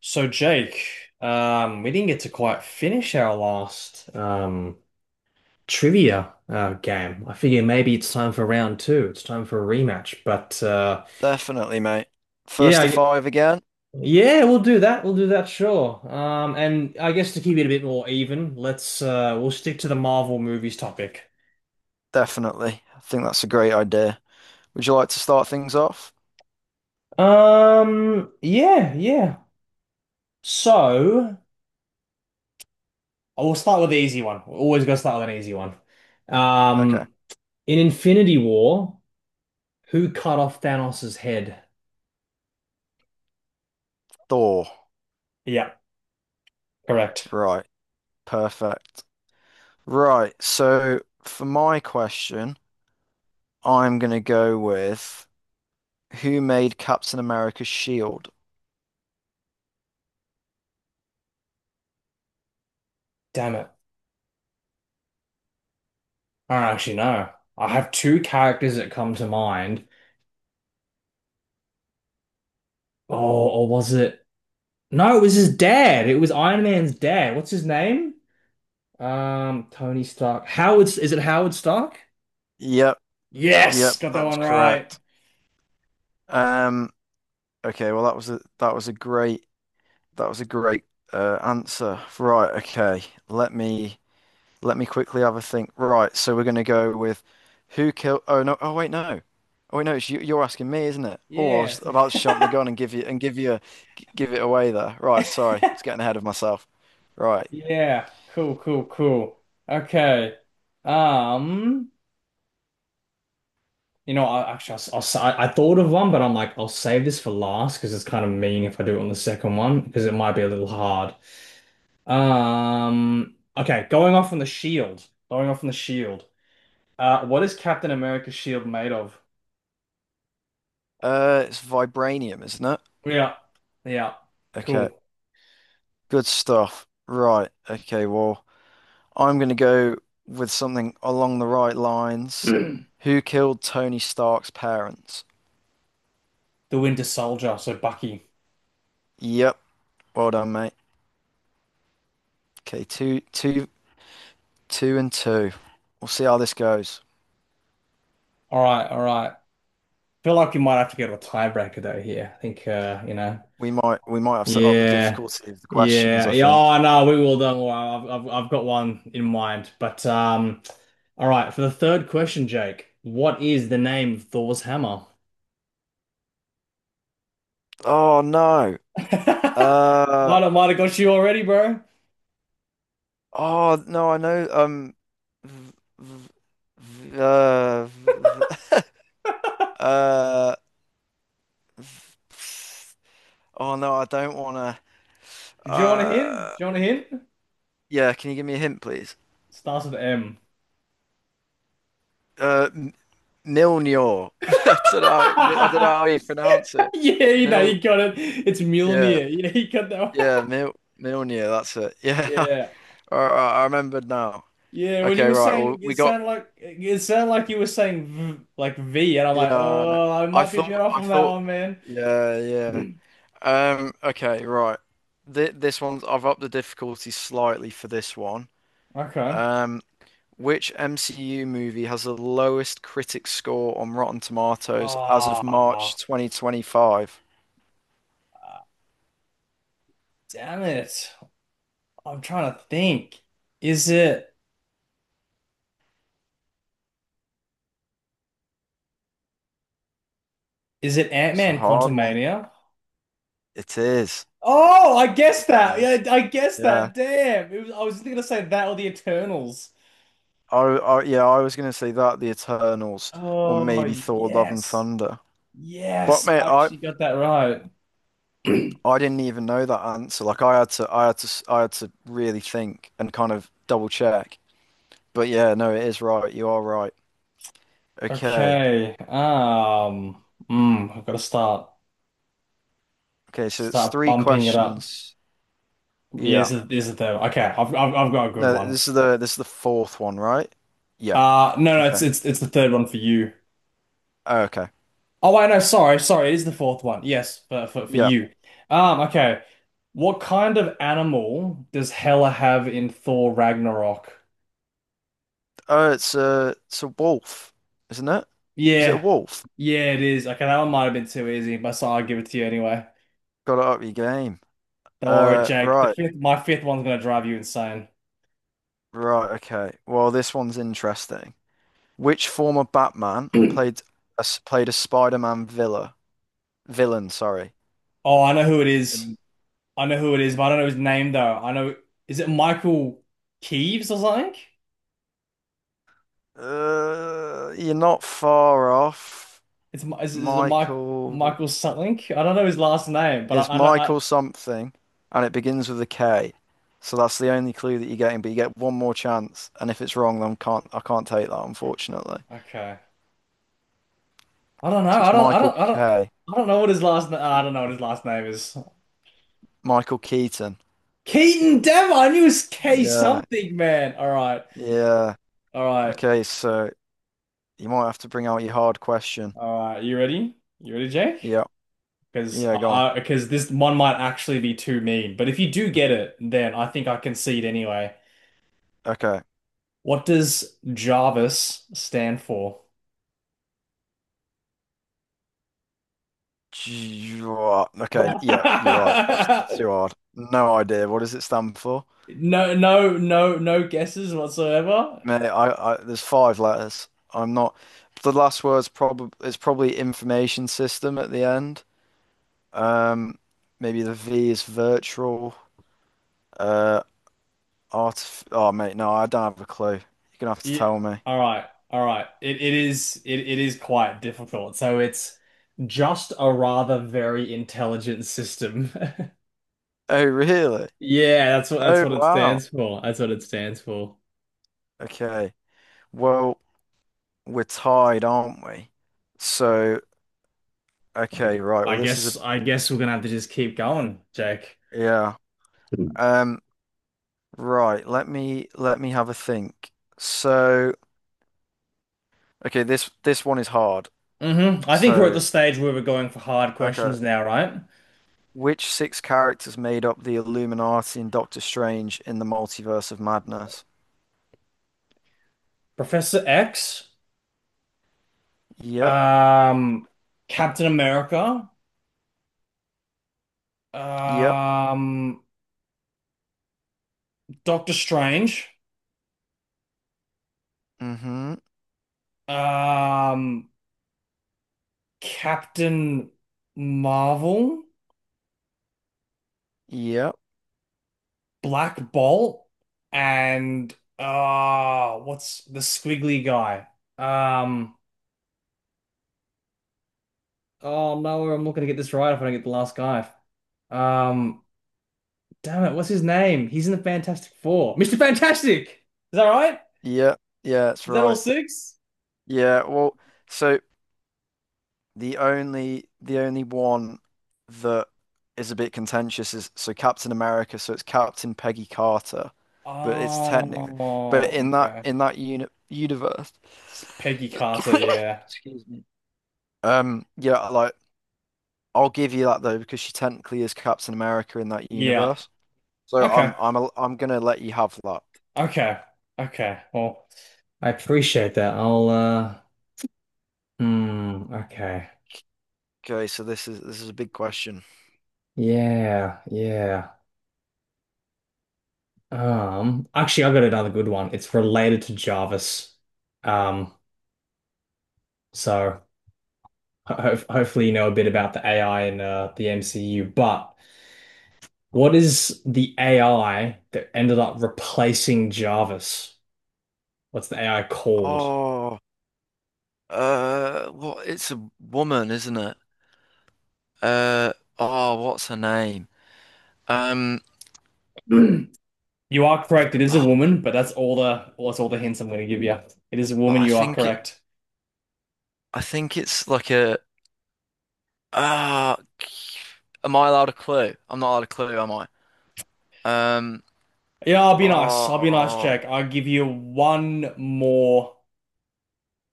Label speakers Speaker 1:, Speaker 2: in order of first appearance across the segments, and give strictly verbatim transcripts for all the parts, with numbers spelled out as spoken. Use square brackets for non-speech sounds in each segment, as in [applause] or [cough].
Speaker 1: So Jake, um, we didn't get to quite finish our last um, trivia uh, game. I figure maybe it's time for round two. It's time for a rematch. But uh,
Speaker 2: Definitely, mate.
Speaker 1: yeah,
Speaker 2: First to
Speaker 1: I-
Speaker 2: five again?
Speaker 1: yeah, we'll do that. We'll do that, sure. Um, and I guess to keep it a bit more even, let's uh, we'll stick to the Marvel movies topic.
Speaker 2: Definitely. I think that's a great idea. Would you like to start things off?
Speaker 1: Um, yeah, yeah. So I will start with the easy one. We're always gotta start with an easy one.
Speaker 2: Okay.
Speaker 1: Um, in Infinity War. Who cut off Thanos' head?
Speaker 2: Thor.
Speaker 1: Yeah, correct.
Speaker 2: Right. Perfect. Right. So for my question, I'm gonna go with who made Captain America's shield?
Speaker 1: Damn it. I don't actually know. I have two characters that come to mind. Oh, or was it? No, it was his dad. It was Iron Man's dad. What's his name? Um, Tony Stark. Howard, is it Howard Stark?
Speaker 2: Yep. Yep.
Speaker 1: Yes, got that
Speaker 2: That was
Speaker 1: one right.
Speaker 2: correct. Um. Okay. Well, that was a that was a great that was a great uh, answer. Right. Okay. Let me. Let me quickly have a think. Right, so we're going to go with who killed. Oh no! Oh wait, no. Oh wait, no. It's you, you're asking me, isn't it? Oh, I
Speaker 1: Yeah.
Speaker 2: was about to jump the
Speaker 1: [laughs]
Speaker 2: gun and give you and give you g- give it away there. Right, sorry, I was getting ahead of myself. Right,
Speaker 1: Yeah. Cool, cool, cool. Okay. Um, You know, I actually, I, s- I s- I thought of one, but I'm like, I'll save this for last because it's kind of mean if I do it on the second one because it might be a little hard. Um, okay, going off on the shield, going off on the shield. Uh, what is Captain America's shield made of?
Speaker 2: uh, it's vibranium, isn't it?
Speaker 1: Yeah, yeah,
Speaker 2: Okay,
Speaker 1: cool. [clears throat]
Speaker 2: good stuff. Right, okay. Well, I'm going to go with something along the right lines.
Speaker 1: The
Speaker 2: Who killed Tony Stark's parents?
Speaker 1: Winter Soldier, so Bucky.
Speaker 2: Yep. Well done, mate. Okay, two two Two and two. We'll see how this goes.
Speaker 1: All right, all right. Feel like we might have to go to a tiebreaker though here. I think, uh, you know.
Speaker 2: We might we might have set up the
Speaker 1: Yeah,
Speaker 2: difficulty of the questions,
Speaker 1: yeah,
Speaker 2: I
Speaker 1: yeah.
Speaker 2: think.
Speaker 1: Oh no, we will. Don't worry. I've, I've I've got one in mind. But um, All right. For the third question, Jake, what is the name of Thor's hammer?
Speaker 2: Oh no.
Speaker 1: [laughs]
Speaker 2: Uh
Speaker 1: Might have, might have got you already, bro.
Speaker 2: oh no, I know um v- v- v- uh, v- [laughs] uh oh no, I don't wanna
Speaker 1: Do you want a hint? Do
Speaker 2: uh
Speaker 1: you want a hint?
Speaker 2: yeah, can you give me a hint please?
Speaker 1: Starts with M.
Speaker 2: Uh M- Milnor. [laughs] I don't know I don't know how
Speaker 1: [laughs]
Speaker 2: you pronounce it.
Speaker 1: Yeah, you know,
Speaker 2: Mil
Speaker 1: you got it. It's
Speaker 2: yeah,
Speaker 1: Mjolnir. You know, you got that one.
Speaker 2: yeah, Mil Milnir, that's it.
Speaker 1: [laughs]
Speaker 2: Yeah. [laughs]
Speaker 1: Yeah.
Speaker 2: I, I I remembered now.
Speaker 1: Yeah, when you
Speaker 2: Okay,
Speaker 1: were
Speaker 2: right. Well,
Speaker 1: saying it
Speaker 2: we got
Speaker 1: sounded like it sounded like you were saying v, like V, and I'm
Speaker 2: yeah.
Speaker 1: like,
Speaker 2: no.
Speaker 1: oh, I
Speaker 2: I
Speaker 1: might be a
Speaker 2: thought
Speaker 1: bit off
Speaker 2: I
Speaker 1: on that
Speaker 2: thought
Speaker 1: one, man.
Speaker 2: yeah, yeah. Um. Okay, right. Th This one's I've upped the difficulty slightly for this one.
Speaker 1: Okay.
Speaker 2: Um. Which M C U movie has the lowest critic score on Rotten Tomatoes as of
Speaker 1: Oh,
Speaker 2: March twenty twenty-five?
Speaker 1: damn it. I'm trying to think. Is it is it
Speaker 2: It's a
Speaker 1: Ant-Man
Speaker 2: hard one.
Speaker 1: Quantumania?
Speaker 2: It is.
Speaker 1: Oh, I
Speaker 2: It
Speaker 1: guessed that.
Speaker 2: was.
Speaker 1: Yeah, I guessed
Speaker 2: Yeah.
Speaker 1: that. Damn. It was, I was gonna say that or the Eternals.
Speaker 2: I, I yeah, I was gonna say that, The Eternals, or
Speaker 1: Oh,
Speaker 2: maybe Thor: Love and
Speaker 1: yes.
Speaker 2: Thunder. But
Speaker 1: Yes,
Speaker 2: mate,
Speaker 1: I
Speaker 2: I
Speaker 1: actually got that right.
Speaker 2: I
Speaker 1: [clears throat]
Speaker 2: didn't even know that answer. Like I had to, I had to, I had to really think and kind of double check. But yeah, no, it is right. You are right. Okay.
Speaker 1: Okay. Um, mm, I've got to start
Speaker 2: Okay. So it's
Speaker 1: start
Speaker 2: three
Speaker 1: bumping it up.
Speaker 2: questions.
Speaker 1: Yeah,
Speaker 2: Yeah.
Speaker 1: this is, this is the third one. Okay, I've, I've I've got a good
Speaker 2: No,
Speaker 1: one.
Speaker 2: this is the this is the fourth one, right? Yeah.
Speaker 1: Uh no, no,
Speaker 2: Okay.
Speaker 1: it's it's it's the third one for you.
Speaker 2: Oh, okay.
Speaker 1: Oh, I know. Sorry, sorry. It is the fourth one. Yes, for for, for
Speaker 2: Yeah.
Speaker 1: you. Um, okay. What kind of animal does Hela have in Thor Ragnarok?
Speaker 2: Oh, it's a it's a wolf, isn't it? Is it a
Speaker 1: Yeah,
Speaker 2: wolf?
Speaker 1: yeah, it is. Okay, that one might have been too easy, but so I'll give it to you anyway.
Speaker 2: Got to up your game.
Speaker 1: Don't worry,
Speaker 2: Uh,
Speaker 1: Jake. The
Speaker 2: right.
Speaker 1: fifth, my fifth one's gonna drive you insane.
Speaker 2: Right. Okay. Well, this one's interesting. Which former Batman played
Speaker 1: [clears throat]
Speaker 2: a, s- played a Spider-Man villa? Villain, sorry.
Speaker 1: Oh, I know who it is.
Speaker 2: Um,
Speaker 1: I know who it is, but I don't know his name though. I know. Is it Michael Keeves or something?
Speaker 2: Uh, you're not far off.
Speaker 1: It's Mi- is, is it Mike
Speaker 2: Michael
Speaker 1: Michael something? I don't know his last name, but
Speaker 2: is
Speaker 1: I, I know.
Speaker 2: Michael something, and it begins with a K. So that's the only clue that you're getting, but you get one more chance, and if it's wrong, then can't I can't take that, unfortunately.
Speaker 1: I, okay. I don't know.
Speaker 2: So
Speaker 1: I
Speaker 2: it's
Speaker 1: don't. I
Speaker 2: Michael
Speaker 1: don't. I don't.
Speaker 2: K.
Speaker 1: I don't know what his last. Na I don't know what his last name is.
Speaker 2: Michael Keaton.
Speaker 1: Keaton Dever. I knew it was K
Speaker 2: Yeah,
Speaker 1: something, man. All right.
Speaker 2: yeah.
Speaker 1: All right.
Speaker 2: Okay, so you might have to bring out your hard question.
Speaker 1: All right. You ready? You ready, Jake?
Speaker 2: Yeah,
Speaker 1: Because
Speaker 2: yeah, go on.
Speaker 1: I, because this one might actually be too mean. But if you do get it, then I think I concede anyway.
Speaker 2: Okay.
Speaker 1: What does Jarvis stand for?
Speaker 2: G- Okay, yeah, you're right. That was too
Speaker 1: [laughs]
Speaker 2: hard. No idea. What does it stand for?
Speaker 1: No, no, no, no guesses whatsoever.
Speaker 2: Mate, I, I there's five letters. I'm not. The last word's probably it's probably information system at the end. Um, maybe the V is virtual. Uh, artif. Oh, mate, no, I don't have a clue. You're gonna have to
Speaker 1: Yeah.
Speaker 2: tell me.
Speaker 1: All right. All right. It it is it, it is quite difficult. So it's just a rather very intelligent system. [laughs]
Speaker 2: Oh, really?
Speaker 1: Yeah, that's what that's
Speaker 2: Oh,
Speaker 1: what it
Speaker 2: wow.
Speaker 1: stands for. That's what it stands for.
Speaker 2: Okay. Well, we're tied, aren't we? So,
Speaker 1: I, gu-
Speaker 2: okay, right.
Speaker 1: I
Speaker 2: Well, this is a
Speaker 1: guess I guess we're gonna have to just keep going, Jake.
Speaker 2: yeah.
Speaker 1: Hmm.
Speaker 2: Um. Right, let me let me have a think. So, okay, this this one is hard.
Speaker 1: Hmm. I think we're at
Speaker 2: So,
Speaker 1: the stage where we're going for hard
Speaker 2: okay,
Speaker 1: questions now, right?
Speaker 2: which six characters made up the Illuminati and Doctor Strange in the Multiverse of Madness?
Speaker 1: Professor X,
Speaker 2: Yep,
Speaker 1: um, Captain America,
Speaker 2: yep,
Speaker 1: um, Doctor Strange,
Speaker 2: mm-hmm,
Speaker 1: um, Captain Marvel,
Speaker 2: yep,
Speaker 1: Black Bolt, and ah, what's the squiggly guy? Um, oh no, I'm not gonna get this right if I don't get the last guy. Um, damn it, what's his name? He's in the Fantastic Four. mister Fantastic! Is that right?
Speaker 2: yep, yeah, that's
Speaker 1: Is that all
Speaker 2: right.
Speaker 1: six?
Speaker 2: Yeah, well, so The only the only one that is a bit contentious is so Captain America, so it's Captain Peggy Carter, but it's technically but
Speaker 1: Oh,
Speaker 2: in that
Speaker 1: okay.
Speaker 2: in that uni universe.
Speaker 1: It's Peggy Carter,
Speaker 2: [coughs]
Speaker 1: yeah.
Speaker 2: Excuse me. Um, yeah, like I'll give you that though because she technically is Captain America in that
Speaker 1: Yeah.
Speaker 2: universe. So
Speaker 1: Okay.
Speaker 2: I'm I'm a, I'm gonna let you have that.
Speaker 1: Okay. Okay. Well, I appreciate that. I'll uh Hmm. Okay.
Speaker 2: Okay, so this is this is a big question.
Speaker 1: Yeah, yeah. Um, actually, I got another good one. It's related to Jarvis. Um, so ho ho- hopefully you know a bit about the A I in uh, the M C U. But what is the A I that ended up replacing Jarvis? What's the A I called?
Speaker 2: Oh, uh, well, it's a woman, isn't it? Uh oh, what's her name? Um
Speaker 1: [clears throat] You are correct. It is a
Speaker 2: oh,
Speaker 1: woman, but that's all the well, that's all the hints I'm going to give you. It is a
Speaker 2: but
Speaker 1: woman.
Speaker 2: I
Speaker 1: You are
Speaker 2: think it
Speaker 1: correct.
Speaker 2: I think it's like a ah am I allowed a clue? I'm not allowed a clue, am I? Um
Speaker 1: Yeah, I'll be nice. I'll be nice,
Speaker 2: oh
Speaker 1: Jack. I'll give you one more.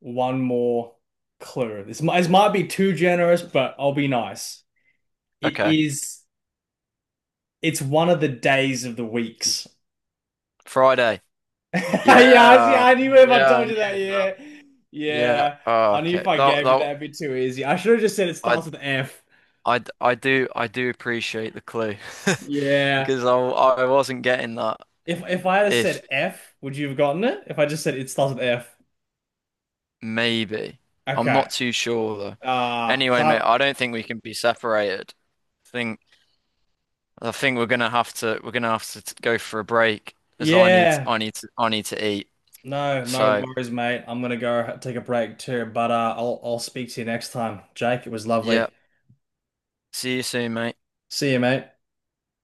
Speaker 1: one more clue. This might, this might be too generous, but I'll be nice. It
Speaker 2: okay.
Speaker 1: is, it's one of the days of the weeks.
Speaker 2: Friday.
Speaker 1: [laughs] Yeah, I see,
Speaker 2: Yeah.
Speaker 1: I knew if I
Speaker 2: Yeah, I
Speaker 1: told you
Speaker 2: knew
Speaker 1: that.
Speaker 2: it now.
Speaker 1: Yeah.
Speaker 2: Yeah.
Speaker 1: Yeah.
Speaker 2: Oh,
Speaker 1: I knew
Speaker 2: okay.
Speaker 1: if I
Speaker 2: That
Speaker 1: gave you
Speaker 2: that
Speaker 1: that, it'd be too easy. I should have just said it
Speaker 2: I
Speaker 1: starts with F.
Speaker 2: I I do I do appreciate the clue [laughs]
Speaker 1: Yeah.
Speaker 2: because I I wasn't getting that
Speaker 1: If if I had
Speaker 2: if
Speaker 1: said F, would you have gotten it? If I just said it starts with F.
Speaker 2: Maybe. I'm
Speaker 1: Okay.
Speaker 2: not too sure though.
Speaker 1: Uh,
Speaker 2: Anyway, mate,
Speaker 1: so
Speaker 2: I don't think we can be separated. I think I think we're gonna have to we're gonna have to t- go for a break as I need
Speaker 1: yeah.
Speaker 2: I need to I need to eat.
Speaker 1: No, no
Speaker 2: So
Speaker 1: worries, mate. I'm gonna go take a break too, but uh, I'll I'll speak to you next time. Jake, it was
Speaker 2: yeah,
Speaker 1: lovely.
Speaker 2: see you soon, mate.
Speaker 1: See you, mate.